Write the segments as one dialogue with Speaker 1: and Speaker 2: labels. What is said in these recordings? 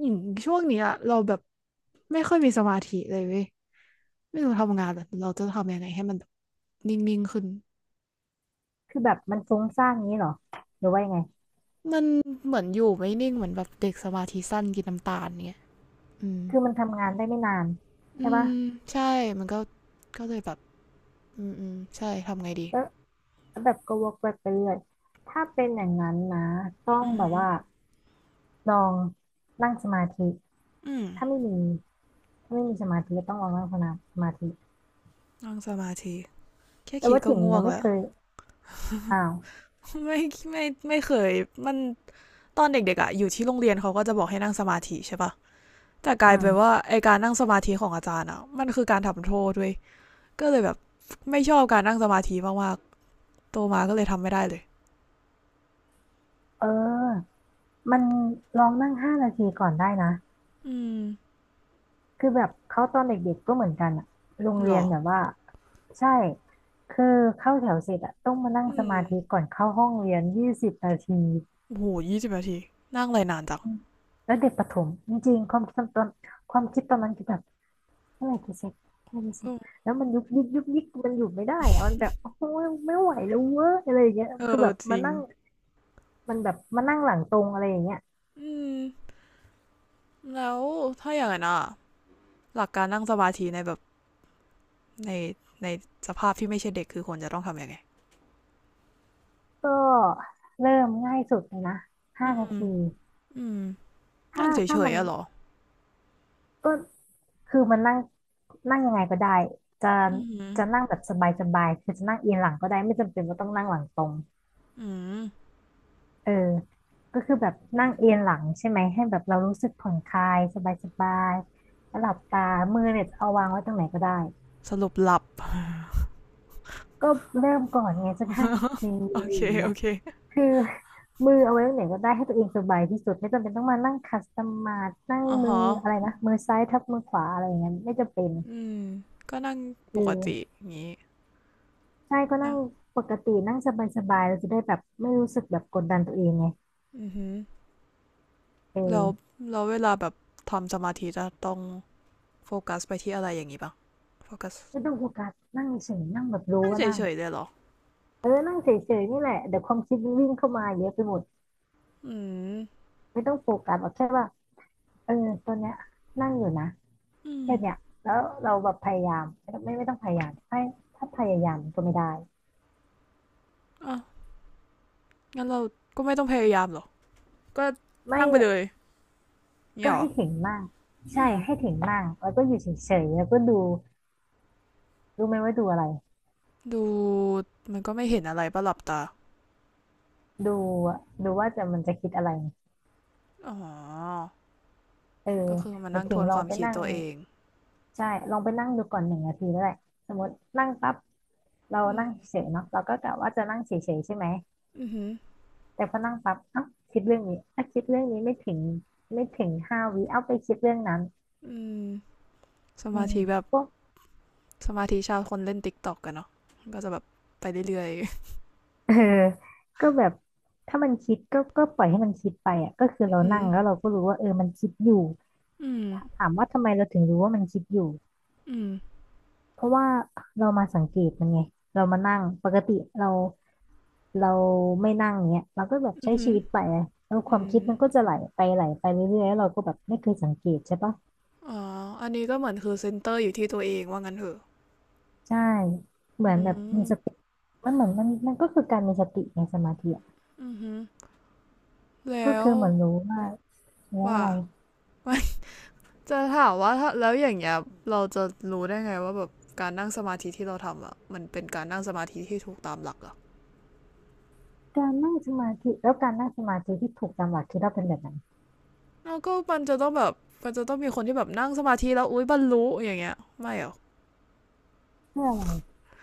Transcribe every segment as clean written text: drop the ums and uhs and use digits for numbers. Speaker 1: อย่างช่วงเนี้ยเราแบบไม่ค่อยมีสมาธิเลยเว้ยไม่รู้ทำงานแบบเราจะทำยังไงให้มันแบบนิ่งๆขึ้น
Speaker 2: คือแบบมันฟุ้งซ่านงี้เหรอหรือว่ายังไง
Speaker 1: มันเหมือนอยู่ไม่นิ่งเหมือนแบบเด็กสมาธิสั้นกินน้ำตาลเงี้ยอืม
Speaker 2: คือมันทำงานได้ไม่นานใช่
Speaker 1: อื
Speaker 2: ปะ
Speaker 1: มใช่มันก็เลยแบบอืมอืมใช่ทำไงดี
Speaker 2: แล้วแล้วแบบก็วกไปเรื่อยถ้าเป็นอย่างนั้นนะต้อง
Speaker 1: อือ
Speaker 2: แบ
Speaker 1: หื
Speaker 2: บ
Speaker 1: อ
Speaker 2: ว่าลองนั่งสมาธิ
Speaker 1: อืม
Speaker 2: ถ้าไม่มีถ้าไม่มีสมาธิก็ต้องลองนั่งสมาธิ
Speaker 1: แค่
Speaker 2: แต่
Speaker 1: คิด
Speaker 2: ว่า
Speaker 1: ก็
Speaker 2: ถิ่น
Speaker 1: ง่ว
Speaker 2: ยั
Speaker 1: ง
Speaker 2: งไม่
Speaker 1: แล้ว
Speaker 2: เคยอ้าว
Speaker 1: ไม่ไม่ไม่เคยมันตอนเด็กๆอ่ะอยู่ที่โรงเรียนเขาก็จะบอกให้นั่งสมาธิใช่ปะแต่ก
Speaker 2: อื
Speaker 1: ลายเป็นว่า
Speaker 2: ม
Speaker 1: ไอการนั่งสมาธิของอาจารย์อ่ะมันคือการทำโทษด้วย ก็เลยแบบไม่ชอบการนั่งสมาธิมากๆโตมาก็เลยทำไม่ได้เลย
Speaker 2: เออมันลองนั่งห้านาทีก่อนได้นะ
Speaker 1: อืม
Speaker 2: คือแบบเขาตอนเด็กๆก็เหมือนกันอะโรง
Speaker 1: หร
Speaker 2: เรียน
Speaker 1: อ
Speaker 2: แบบว่าใช่คือเข้าแถวเสร็จอะต้องมานั่ง
Speaker 1: อื
Speaker 2: ส
Speaker 1: ม
Speaker 2: มาธิก่อนเข้าห้องเรียน20 นาที
Speaker 1: โอ้โหยี่สิบนาทีนั่งอะไรนานจัง
Speaker 2: อืมแล้วเด็กประถมจริงๆความคิดตอนความคิดตอนนั้นคือแบบเมื่อไหร่จะเสร็จเมื่อไหร่จะเสร็
Speaker 1: อื
Speaker 2: จ
Speaker 1: ม
Speaker 2: แล้วมันยุบยิบยุบยิบมันอยู่ไม่ได้อะมันแบบโอ้ยไม่ไหวแล้วเว้ยอะไรอย่างเงี้ย
Speaker 1: เอ
Speaker 2: คือ
Speaker 1: อ
Speaker 2: แบบ
Speaker 1: จ
Speaker 2: มา
Speaker 1: ริง
Speaker 2: นั่งมันแบบมานั่งหลังตรงอะไรอย่างเงี้ย
Speaker 1: อืมแล้วถ้าอย่างนั้นอ่ะหลักการนั่งสมาธิในแบบในในสภาพที่ไม่ใช่เด็กคือควรจะต้องทำยังไง
Speaker 2: ก็เริ่มง่ายสุดเลยนะ
Speaker 1: อื
Speaker 2: ห้านา
Speaker 1: ม
Speaker 2: ที
Speaker 1: อืม
Speaker 2: ถ้า
Speaker 1: นั่งเฉ
Speaker 2: ถ้า
Speaker 1: ย
Speaker 2: มัน
Speaker 1: ๆอะเหรอ
Speaker 2: ก็คือมันนั่งนั่งยังไงก็ได้จะ
Speaker 1: อืม
Speaker 2: จะนั่งแบบสบายๆคือจะนั่งเอียงหลังก็ได้ไม่จำเป็นว่าต้องนั่งหลังตรง
Speaker 1: อืม
Speaker 2: เออก็คือแบบนั่งเอียงหลังใช่ไหมให้แบบเรารู้สึกผ่อนคลายสบายๆแล้วหลับตามือเนี่ยเอาวางไว้ตรงไหนก็ได้
Speaker 1: สรุปหลับ
Speaker 2: ก็เริ่มก่อนไงจะนั่งอง
Speaker 1: โอ
Speaker 2: เลย
Speaker 1: เค
Speaker 2: อย่างเงี้
Speaker 1: โอ
Speaker 2: ย
Speaker 1: เค
Speaker 2: คือ มือเอาไว้ตรงไหนก็ได้ให้ตัวเองสบายที่สุดไม่จำเป็นต้องมานั่งคัสตอมมานั่ง
Speaker 1: อ๋อ
Speaker 2: มือ
Speaker 1: ฮะ
Speaker 2: อะไรนะมือซ้ายทับมือขวาอะไรอย่างเงี้ยไม่จำเป็น
Speaker 1: อืมก็นั่งป
Speaker 2: คือ
Speaker 1: กติอย่างงี้
Speaker 2: ใช่ก็นั่
Speaker 1: นะ
Speaker 2: งปกตินั่งสบายๆเราจะได้แบบไม่รู้สึกแบบกดดันตัวเองไง
Speaker 1: อือหือ
Speaker 2: เอ
Speaker 1: แล้ว
Speaker 2: อ
Speaker 1: แล้วเวลาแบบทำสมาธิจะต้องโฟกัสไปที่อะไรอย่างนี้ปะโฟกัส
Speaker 2: ไม่ต้องโฟกัสนั่งเฉยๆนั่งแบบรู้
Speaker 1: นั่ง
Speaker 2: ว่า
Speaker 1: เฉ
Speaker 2: นั่ง
Speaker 1: ยๆเลยเหรอ
Speaker 2: เออนั่งเฉยๆนี่แหละเดี๋ยวความคิดมันวิ่งเข้ามาเยอะไปหมด
Speaker 1: อืม
Speaker 2: ไม่ต้องโฟกัสแบบแค่ว่าเออตอนเนี้ยนั่งอยู่นะ
Speaker 1: อืม
Speaker 2: แค่เนี้ยแล้วเราแบบพยายามไม่ต้องพยายามให้ถ้าพยายามก็ไม่ได้
Speaker 1: อ่ะงั้นเราก็ไม่ต้องพยายามหรอกก็
Speaker 2: ไม่
Speaker 1: นั่งไปเลยเนี่ย
Speaker 2: ก็
Speaker 1: เหรอ
Speaker 2: ให้ถึงมาก
Speaker 1: อื
Speaker 2: ใช่
Speaker 1: ม
Speaker 2: ให้ถึงมากแล้วก็อยู่เฉยๆแล้วก็ดูรู้ไหมว่าดูอะไร
Speaker 1: ดูมันก็ไม่เห็นอะไรปะหลับตา
Speaker 2: ดูดูว่าจะมันจะคิดอะไร
Speaker 1: อ๋อ
Speaker 2: เออ
Speaker 1: ก็คือมา
Speaker 2: เดี๋ยว
Speaker 1: นั่งท
Speaker 2: ถิง
Speaker 1: วน
Speaker 2: ล
Speaker 1: ค
Speaker 2: อง
Speaker 1: วาม
Speaker 2: ไป
Speaker 1: คิด
Speaker 2: นั่ง
Speaker 1: ตัวเอง
Speaker 2: ใช่ลองไปนั่งดูก่อน1 นาทีแล้วแหละสมมตินั่งปั๊บเรา
Speaker 1: อื
Speaker 2: นั่
Speaker 1: ม
Speaker 2: งเฉยเนาะเราก็กะว่าจะนั่งเฉยๆใช่ไหม
Speaker 1: อือหือ
Speaker 2: แต่พอนั่งปั๊บเอ้าคิดเรื่องนี้อ่ะคิดเรื่องนี้ไม่ถึง5 วิเอาไปคิดเรื่องนั้น
Speaker 1: อืมส
Speaker 2: อื
Speaker 1: มา
Speaker 2: ม
Speaker 1: ธิแบบ
Speaker 2: พวก
Speaker 1: สมาธิชาวคนเล่นติ๊กต็อกกันเนาะก็จะแบบไปเรื่อย
Speaker 2: เออก็แบบถ้ามันคิดก็ก็ปล่อยให้มันคิดไปอ่ะก็คือเรา
Speaker 1: ๆอื
Speaker 2: นั่
Speaker 1: ม
Speaker 2: งแล้วเราก็รู้ว่าเออมันคิดอยู่
Speaker 1: อืม
Speaker 2: ถามว่าทำไมเราถึงรู้ว่ามันคิดอยู่
Speaker 1: อืม
Speaker 2: เพราะว่าเรามาสังเกตมันไงเรามานั่งปกติเรา เราไม่นั่งเนี้ยเราก็แบบ
Speaker 1: อื
Speaker 2: ใช้
Speaker 1: มอ
Speaker 2: ชีวิตไปแล้วค
Speaker 1: อื
Speaker 2: วามคิด
Speaker 1: ม
Speaker 2: มันก็จะไหลไปไหลไปเรื่อยๆแล้วเราก็แบบไม่เคยสังเกตใช่ปะ
Speaker 1: อ๋ออันนี้ก็เหมือนคือเซ็นเตอร์อยู่ที่ตัวเองว่างั้นเถอะ
Speaker 2: ใช่เหมื
Speaker 1: อื
Speaker 2: อนแบบมี
Speaker 1: ม
Speaker 2: สติมันเหมือนมันก็คือการมีสติในสมาธิอะ
Speaker 1: อือหือ
Speaker 2: ก็
Speaker 1: แล้ว
Speaker 2: คือเหมือนรู้ว่าแล้ว
Speaker 1: ว่า
Speaker 2: อะไร
Speaker 1: จะถามว่าถ้าแล้วอย่างเงี้ยเราจะรู้ได้ไงว่าแบบการนั่งสมาธิที่เราทำอ่ะมันเป็นการนั่งสมาธิที่ถูกตามหลักเหรอะ
Speaker 2: การนั่งสมาธิแล้วการนั่งสมาธิที่ถูกตามหลักคิดว่าเป็นแบบไหน
Speaker 1: แล้วก็มันจะต้องมีคนที่แบบนั่งสมาธิแล้วอุ๊ยบรรลุอย่างเงี้ยไม่เหรอ
Speaker 2: เพื่ออะไร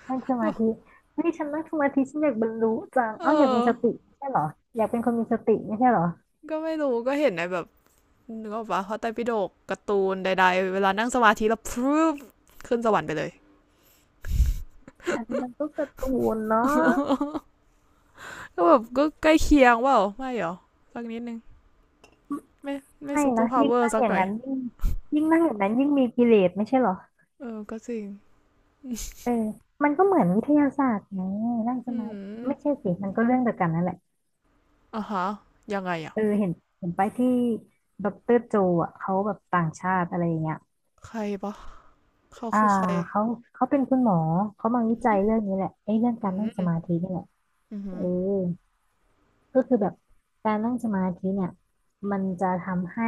Speaker 2: นั่งสมาธิ เฮ้ยฉันนั่งสมาธิฉันอยากบรรลุจัง
Speaker 1: เอ
Speaker 2: เอ้าอยากมี
Speaker 1: อ
Speaker 2: สติไม่ใช่เหรออยากเป็นคนมีสติไม่ใช่เหรอ
Speaker 1: ก็ไม่รู้ก็เห็นในแบบนึกออกปะพระไตรปิฎกการ์ตูนใดๆเวลานั่งสมาธิแล้วพรึบขึ้นสวรรค์ไปเลย
Speaker 2: อันนี้มันก็การะตูนเนาะ
Speaker 1: ก็แบบก็ใกล้เคียงว่าไม่หรอสักนิดนึงไม่ไม่
Speaker 2: ไม่
Speaker 1: ซุปเปอ
Speaker 2: นะ
Speaker 1: ร์พาว
Speaker 2: ยิ่
Speaker 1: เว
Speaker 2: ง
Speaker 1: อ
Speaker 2: นั่
Speaker 1: ร์
Speaker 2: ง
Speaker 1: สัก
Speaker 2: อ
Speaker 1: ห
Speaker 2: ย่าง
Speaker 1: น่อย
Speaker 2: นั้นยิ่งยิ่งนั่งอย่างนั้นยิ่งมีกิเลสไม่ใช่เหรอ
Speaker 1: เออก็จริง
Speaker 2: เออมันก็เหมือนวิทยาศาสตร์ไงนั่งส
Speaker 1: อื
Speaker 2: มาธิ
Speaker 1: ม
Speaker 2: ไม่ใช่สิมันก็เรื่องเดียวกันนั่นแหละ
Speaker 1: อ่ะฮะยังไงอ่ะ
Speaker 2: เออเห็นไปที่ดอกเตอรโจอ่ะเขาแบบต่างชาติอะไรอย่างเงี้ย
Speaker 1: ใครปะเขา
Speaker 2: อ่า
Speaker 1: คือใคร
Speaker 2: เขาเขาเป็นคุณหมอเขามาวิจัยเรื่องนี้แหละไอ้เรื่องกา
Speaker 1: อื
Speaker 2: รนั่งสมา
Speaker 1: ม
Speaker 2: ธินี่แหละ
Speaker 1: อื
Speaker 2: เออ
Speaker 1: ออ
Speaker 2: ก็คือแบบการนั่งสมาธิเนี่ยมันจะทำให้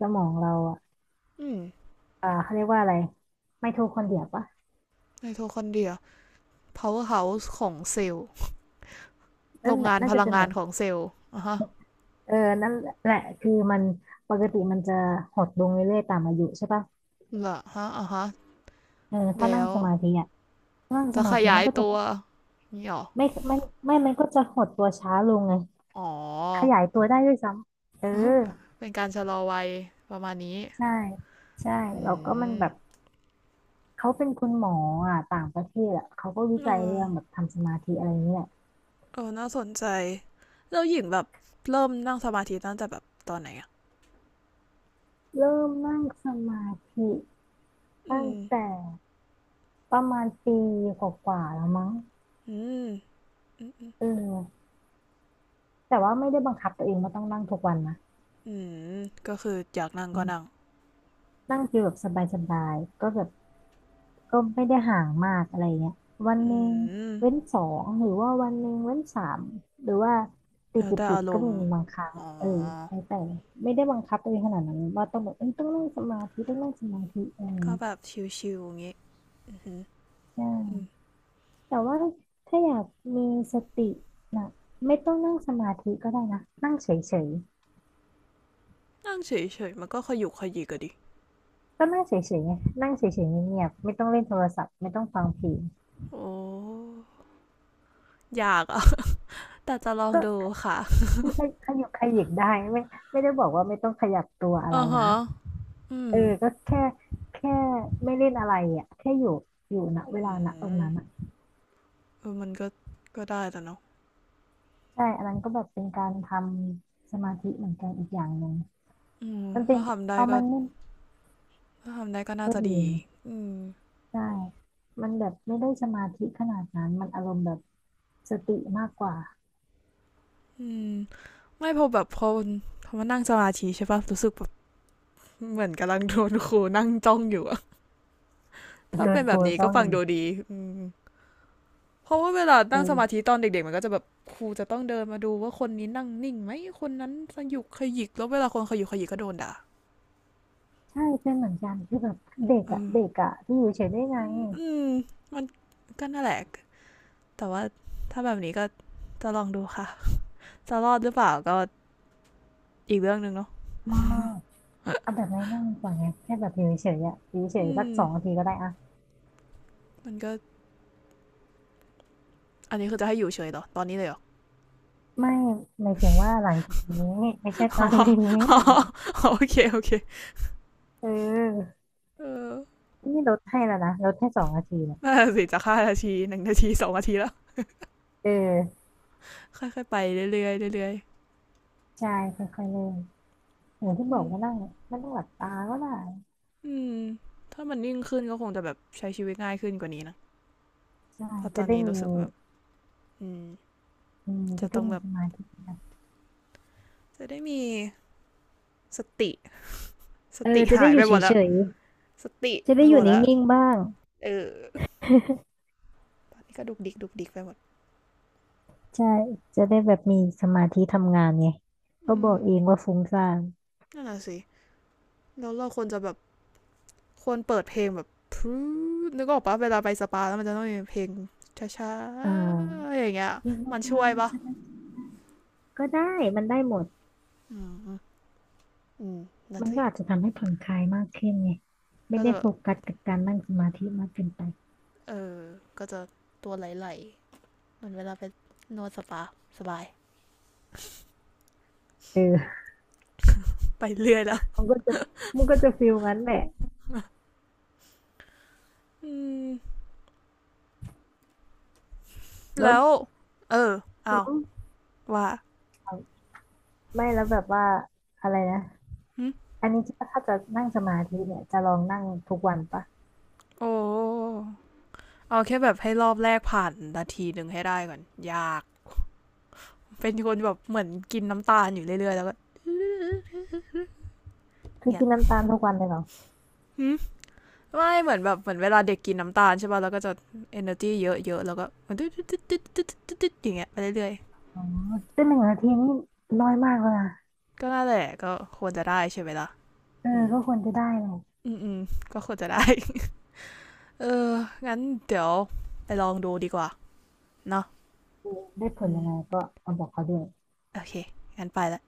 Speaker 2: สมองเราอ่ะ
Speaker 1: ืม
Speaker 2: อ่าเขาเรียกว่าอะไรไมโทคอนเดรียปะ
Speaker 1: ในโทคอนเดรีย powerhouse ของเซลล์โร
Speaker 2: นั่น
Speaker 1: ง
Speaker 2: แหละ
Speaker 1: งาน
Speaker 2: น่า
Speaker 1: พ
Speaker 2: จะ
Speaker 1: ลัง
Speaker 2: เป็น
Speaker 1: งา
Speaker 2: แบ
Speaker 1: น
Speaker 2: บ
Speaker 1: ของเซลล์อ่ะฮะ
Speaker 2: เออนั่นแหละคือมันปกติมันจะหดลงเรื่อยๆตามอายุใช่ปะ
Speaker 1: ละฮะอ่ะฮะ
Speaker 2: เออถ้า
Speaker 1: แล้
Speaker 2: นั่ง
Speaker 1: ว
Speaker 2: สมาธิอ่ะนั่งส
Speaker 1: จะ
Speaker 2: มา
Speaker 1: ข
Speaker 2: ธิ
Speaker 1: ยา
Speaker 2: มัน
Speaker 1: ย
Speaker 2: ก็จะ
Speaker 1: ตัวนี่หรอ
Speaker 2: ไม่ไม่ไม่มันก็จะหดตัวช้าลงไง
Speaker 1: อ๋อ
Speaker 2: ขยายตัวได้ด้วยซ้ำ เออ
Speaker 1: เป็นการชะลอวัยประมาณนี้
Speaker 2: ใช่ ใช่
Speaker 1: อื
Speaker 2: แล้วก็มัน
Speaker 1: ม
Speaker 2: แบบเขาเป็นคุณหมออ่ะต่างประเทศอ่ะเขาก็วิ
Speaker 1: เอ
Speaker 2: จัยเรื่
Speaker 1: อ
Speaker 2: องแบบทำสมาธิอะไรเงี้ย
Speaker 1: เออน่าสนใจแล้วหญิงแบบเริ่มนั่งสมาธิตั้งแต่แบบตอนไหนอ่ะ
Speaker 2: เริ่มนั่งสมาธิ
Speaker 1: อื
Speaker 2: ตั้ง
Speaker 1: ม
Speaker 2: แต่ประมาณปีกว่าๆแล้วมั้ง
Speaker 1: อืม
Speaker 2: เออแต่ว่าไม่ได้บังคับตัวเองว่าต้องนั่งทุกวันนะ
Speaker 1: อืมก็คืออยากนั่งก็นั่ง
Speaker 2: นั่งฟิลแบบสบายๆก็แบบก็ไม่ได้ห่างมากอะไรเงี้ยวันห
Speaker 1: อื
Speaker 2: นึ่ง
Speaker 1: ม
Speaker 2: เว้นสองหรือว่าวันหนึ่งเว้นสามหรือว่าติด
Speaker 1: แล้ว
Speaker 2: ติด
Speaker 1: แต่
Speaker 2: ติ
Speaker 1: อา
Speaker 2: ด
Speaker 1: ร
Speaker 2: ก็
Speaker 1: ม
Speaker 2: มี
Speaker 1: ณ์
Speaker 2: บางครั้งเออแล้วแต่ไม่ได้บังคับตัวเองขนาดนั้นว่าต้องแบบเอ้ยต้องนั่งสมาธิต้องนั่งสมาธิอะไร
Speaker 1: ก็
Speaker 2: เงี้ย
Speaker 1: แบบชิวๆอย่างงี้อือหือ
Speaker 2: ใช
Speaker 1: อืม
Speaker 2: ่แต่ว่าถ้าอยากมีสตินะไม่ต้องนั่งสมาธิก็ได้นะนั่งเฉย
Speaker 1: นั่งเฉยๆมันก็ขยุกขยิกอะดิ
Speaker 2: ๆก็นั่งเฉยๆไงนั่งเฉยๆเงียบๆไม่ต้องเล่นโทรศัพท์ไม่ต้องฟังเพลง
Speaker 1: โอ้อยากอ่ะ แต่จะลอง
Speaker 2: ก
Speaker 1: ดู
Speaker 2: ็
Speaker 1: ค่ะ
Speaker 2: คือขยับขยิกได้ไม่ไม่ได้บอกว่าไม่ต้องขยับตัวอะไร
Speaker 1: อ่า
Speaker 2: นะ
Speaker 1: ฮะอื
Speaker 2: เอ
Speaker 1: ม
Speaker 2: อก็แค่ไม่เล่นอะไรอ่ะแค่อยู่ณเว
Speaker 1: อื
Speaker 2: ลาณตรง
Speaker 1: ม
Speaker 2: นั้นอ่ะ
Speaker 1: เออมันก็ก็ได้แต่เนาะ
Speaker 2: ใช่อันนั้นก็แบบเป็นการทำสมาธิเหมือนกันอีกอย่างหนึ่ง
Speaker 1: อืม
Speaker 2: มันเป็น
Speaker 1: ถ้าทำได้
Speaker 2: เอา
Speaker 1: ก็
Speaker 2: มันเล่น
Speaker 1: ถ้าทำได้ก็น่า
Speaker 2: ก็
Speaker 1: จะ
Speaker 2: ดี
Speaker 1: ดี
Speaker 2: นะ
Speaker 1: อืม
Speaker 2: ใช่มันแบบไม่ได้สมาธิขนาดนั้นมันอารมณ์แบบสติมากกว่า
Speaker 1: อืม ไม่พอแบบพอพอมานั่งสมาธิใช่ปะรู้สึกแบบเหมือนกำลังโดนครูนั่งจ้องอยู่อะถ้า
Speaker 2: โด
Speaker 1: เป็
Speaker 2: น
Speaker 1: น
Speaker 2: ค
Speaker 1: แบ
Speaker 2: รู
Speaker 1: บนี้
Speaker 2: จ้
Speaker 1: ก็
Speaker 2: อง
Speaker 1: ฟัง
Speaker 2: อี
Speaker 1: ดู
Speaker 2: ก
Speaker 1: ดีอืมเพราะว่าเวลานั่งสมาธิ
Speaker 2: เออ
Speaker 1: ตอนเด็กๆมันก็จะแบบครูจะต้องเดินมาดูว่าคนนี้นั่งนิ่งไหมคนนั้นสยุกขยิกแล้วเวลาคนขยุกขยิกก็โดนด่า
Speaker 2: ใช่เป็นเหมือนกันคือแบบเด็ก
Speaker 1: เอ
Speaker 2: อ่ะ
Speaker 1: อ
Speaker 2: เด็กอ่ะที่อยู่เฉยได้ไง
Speaker 1: อืมอมันก็น่าแหละแต่ว่าถ้าแบบนี้ก็จะลองดูค่ะจะรอดหรือเปล่าก็อีกเรื่องหนึ่งเนาะ
Speaker 2: มาก เอาแบบง่ายๆก่อนไงแค่แบบอยู่เฉยๆอ่ะอยู่เฉย
Speaker 1: อื
Speaker 2: ๆสัก
Speaker 1: ม
Speaker 2: สองนาทีก็ได้อะ
Speaker 1: มันก็อันนี้คือจะให้อยู่เฉยเหรอตอนนี้เลยเหร
Speaker 2: ไม่หมาย
Speaker 1: อ
Speaker 2: ถึงว่า หลังจากนี้ไม่ใช่ตอ
Speaker 1: อ๋อ
Speaker 2: น นี้
Speaker 1: อ๋อโอเคโอเค
Speaker 2: เออ
Speaker 1: เออ
Speaker 2: นี่ลดให้แล้วนะลดให้สองนาทีเนี่ย
Speaker 1: น่าสิจะห้านาทีหนึ่งนาทีสองนาทีแล้ว
Speaker 2: เออ
Speaker 1: ค่อยๆไปเรื่อยๆเรื่อย
Speaker 2: ใช่ค่อยๆเริ่มอย่างที่
Speaker 1: ๆ
Speaker 2: บ
Speaker 1: อื
Speaker 2: อก
Speaker 1: ม
Speaker 2: ว่านั่งไม่ต้องหลับตาก็ได้
Speaker 1: อืมถ้ามันนิ่งขึ้นก็คงจะแบบใช้ชีวิตง่ายขึ้นกว่านี้นะ
Speaker 2: ใช่
Speaker 1: เพราะต
Speaker 2: จะ
Speaker 1: อน
Speaker 2: ได้
Speaker 1: นี้
Speaker 2: มี
Speaker 1: รู้สึกาแบบอืม
Speaker 2: อืม
Speaker 1: จะ
Speaker 2: จะได้
Speaker 1: ต้อง
Speaker 2: มี
Speaker 1: แบบ
Speaker 2: สมาธินะ
Speaker 1: จะได้มีสติส
Speaker 2: เออ
Speaker 1: ติ
Speaker 2: จะ
Speaker 1: หา
Speaker 2: ได้
Speaker 1: ย
Speaker 2: อ
Speaker 1: ไป
Speaker 2: ยู่
Speaker 1: ห
Speaker 2: เฉ
Speaker 1: มดแล้ว
Speaker 2: ย
Speaker 1: สติ
Speaker 2: ๆจะ
Speaker 1: ไป
Speaker 2: ได้อ
Speaker 1: หม
Speaker 2: ยู่
Speaker 1: ด
Speaker 2: น
Speaker 1: แล้ว
Speaker 2: ิ่งๆบ้าง
Speaker 1: เออนี่ก็ดุกดิกดุกดิกไปหมด
Speaker 2: ใช่จะได้แบบมีสมาธิทำงานไงก็
Speaker 1: อื
Speaker 2: บอกเอง
Speaker 1: ม
Speaker 2: ว่าฟุ้งซ่าน
Speaker 1: นั่นแหละสิแล้วเราควรจะแบบ ควรเปิดเพลงแบบพรนึกออกปะเวลาไปสปาแล้วมันจะต้องมีเพลงช้า
Speaker 2: อ่า
Speaker 1: ๆอย่างเงี้ย
Speaker 2: เรียกว่า
Speaker 1: มันช่
Speaker 2: บ้า
Speaker 1: ว
Speaker 2: ง
Speaker 1: ยปะ
Speaker 2: ใช่ไหม ก็ได้มันได้หมด
Speaker 1: อืมนั่น
Speaker 2: มัน
Speaker 1: สิ
Speaker 2: ก็อาจจะทำให้ผ่อนคลายมากขึ้นไงไม่
Speaker 1: ก็
Speaker 2: ได้
Speaker 1: จะแบ
Speaker 2: โฟ
Speaker 1: บ
Speaker 2: กัสกับการนั่งสมาธิมากเกินไป
Speaker 1: เออ ก็จะตัวไหลๆเหมือนเวลาไปนวดสปาสบาย
Speaker 2: เออ
Speaker 1: ไปเรื่อยแล้ว
Speaker 2: มันก็จะมันก็จะฟิลงั้นแหละ
Speaker 1: อืม
Speaker 2: แล้ว
Speaker 1: แล้ว เออ
Speaker 2: แล้
Speaker 1: เอา ว่า
Speaker 2: วไม่แล้วแบบว่าอะไรนะ
Speaker 1: หึ
Speaker 2: อันนี้ถ้าจะนั่งสมาธิเนี่ยจะลองนั่งทุกวันปะ
Speaker 1: โอ้เอาแค่แบบให้รอบแรกผ่านนาทีหนึ่งให้ได้ก่อนยาก เป็นคนแบบเหมือนกินน้ำตาลอยู่เรื่อยๆแล้วก็
Speaker 2: คือ
Speaker 1: เงี้ย
Speaker 2: กินน้ำตาลทุกวันเลยเหรอ
Speaker 1: หึ ไม่เหมือนแบบเหมือนเวลาเด็กกินน้ำตาลใช่ป่ะแล้วก็จะ energy เยอะๆแล้วก็มันตึ๊ดตึ๊ดตึ๊ดตึ๊ดตึ๊ดึดึดอย่างเงี้ยไปเรื่อย
Speaker 2: อ๋อซึ่ง1 นาทีนี่น้อยมากเลยนะ
Speaker 1: ๆก็น่าแหละก็ควรจะได้ใช่ไหมล่ะ
Speaker 2: เออ
Speaker 1: อืม
Speaker 2: ก็ควรจะได้เลย
Speaker 1: อืมอืมก็ควรจะได้เอองั้นเดี๋ยวไปลองดูดีกว่าเนาะ
Speaker 2: ได้ผล
Speaker 1: อื
Speaker 2: ยังไง
Speaker 1: ม
Speaker 2: ก็เอาบอกเขาด้วย
Speaker 1: โอเคงั้นไปละ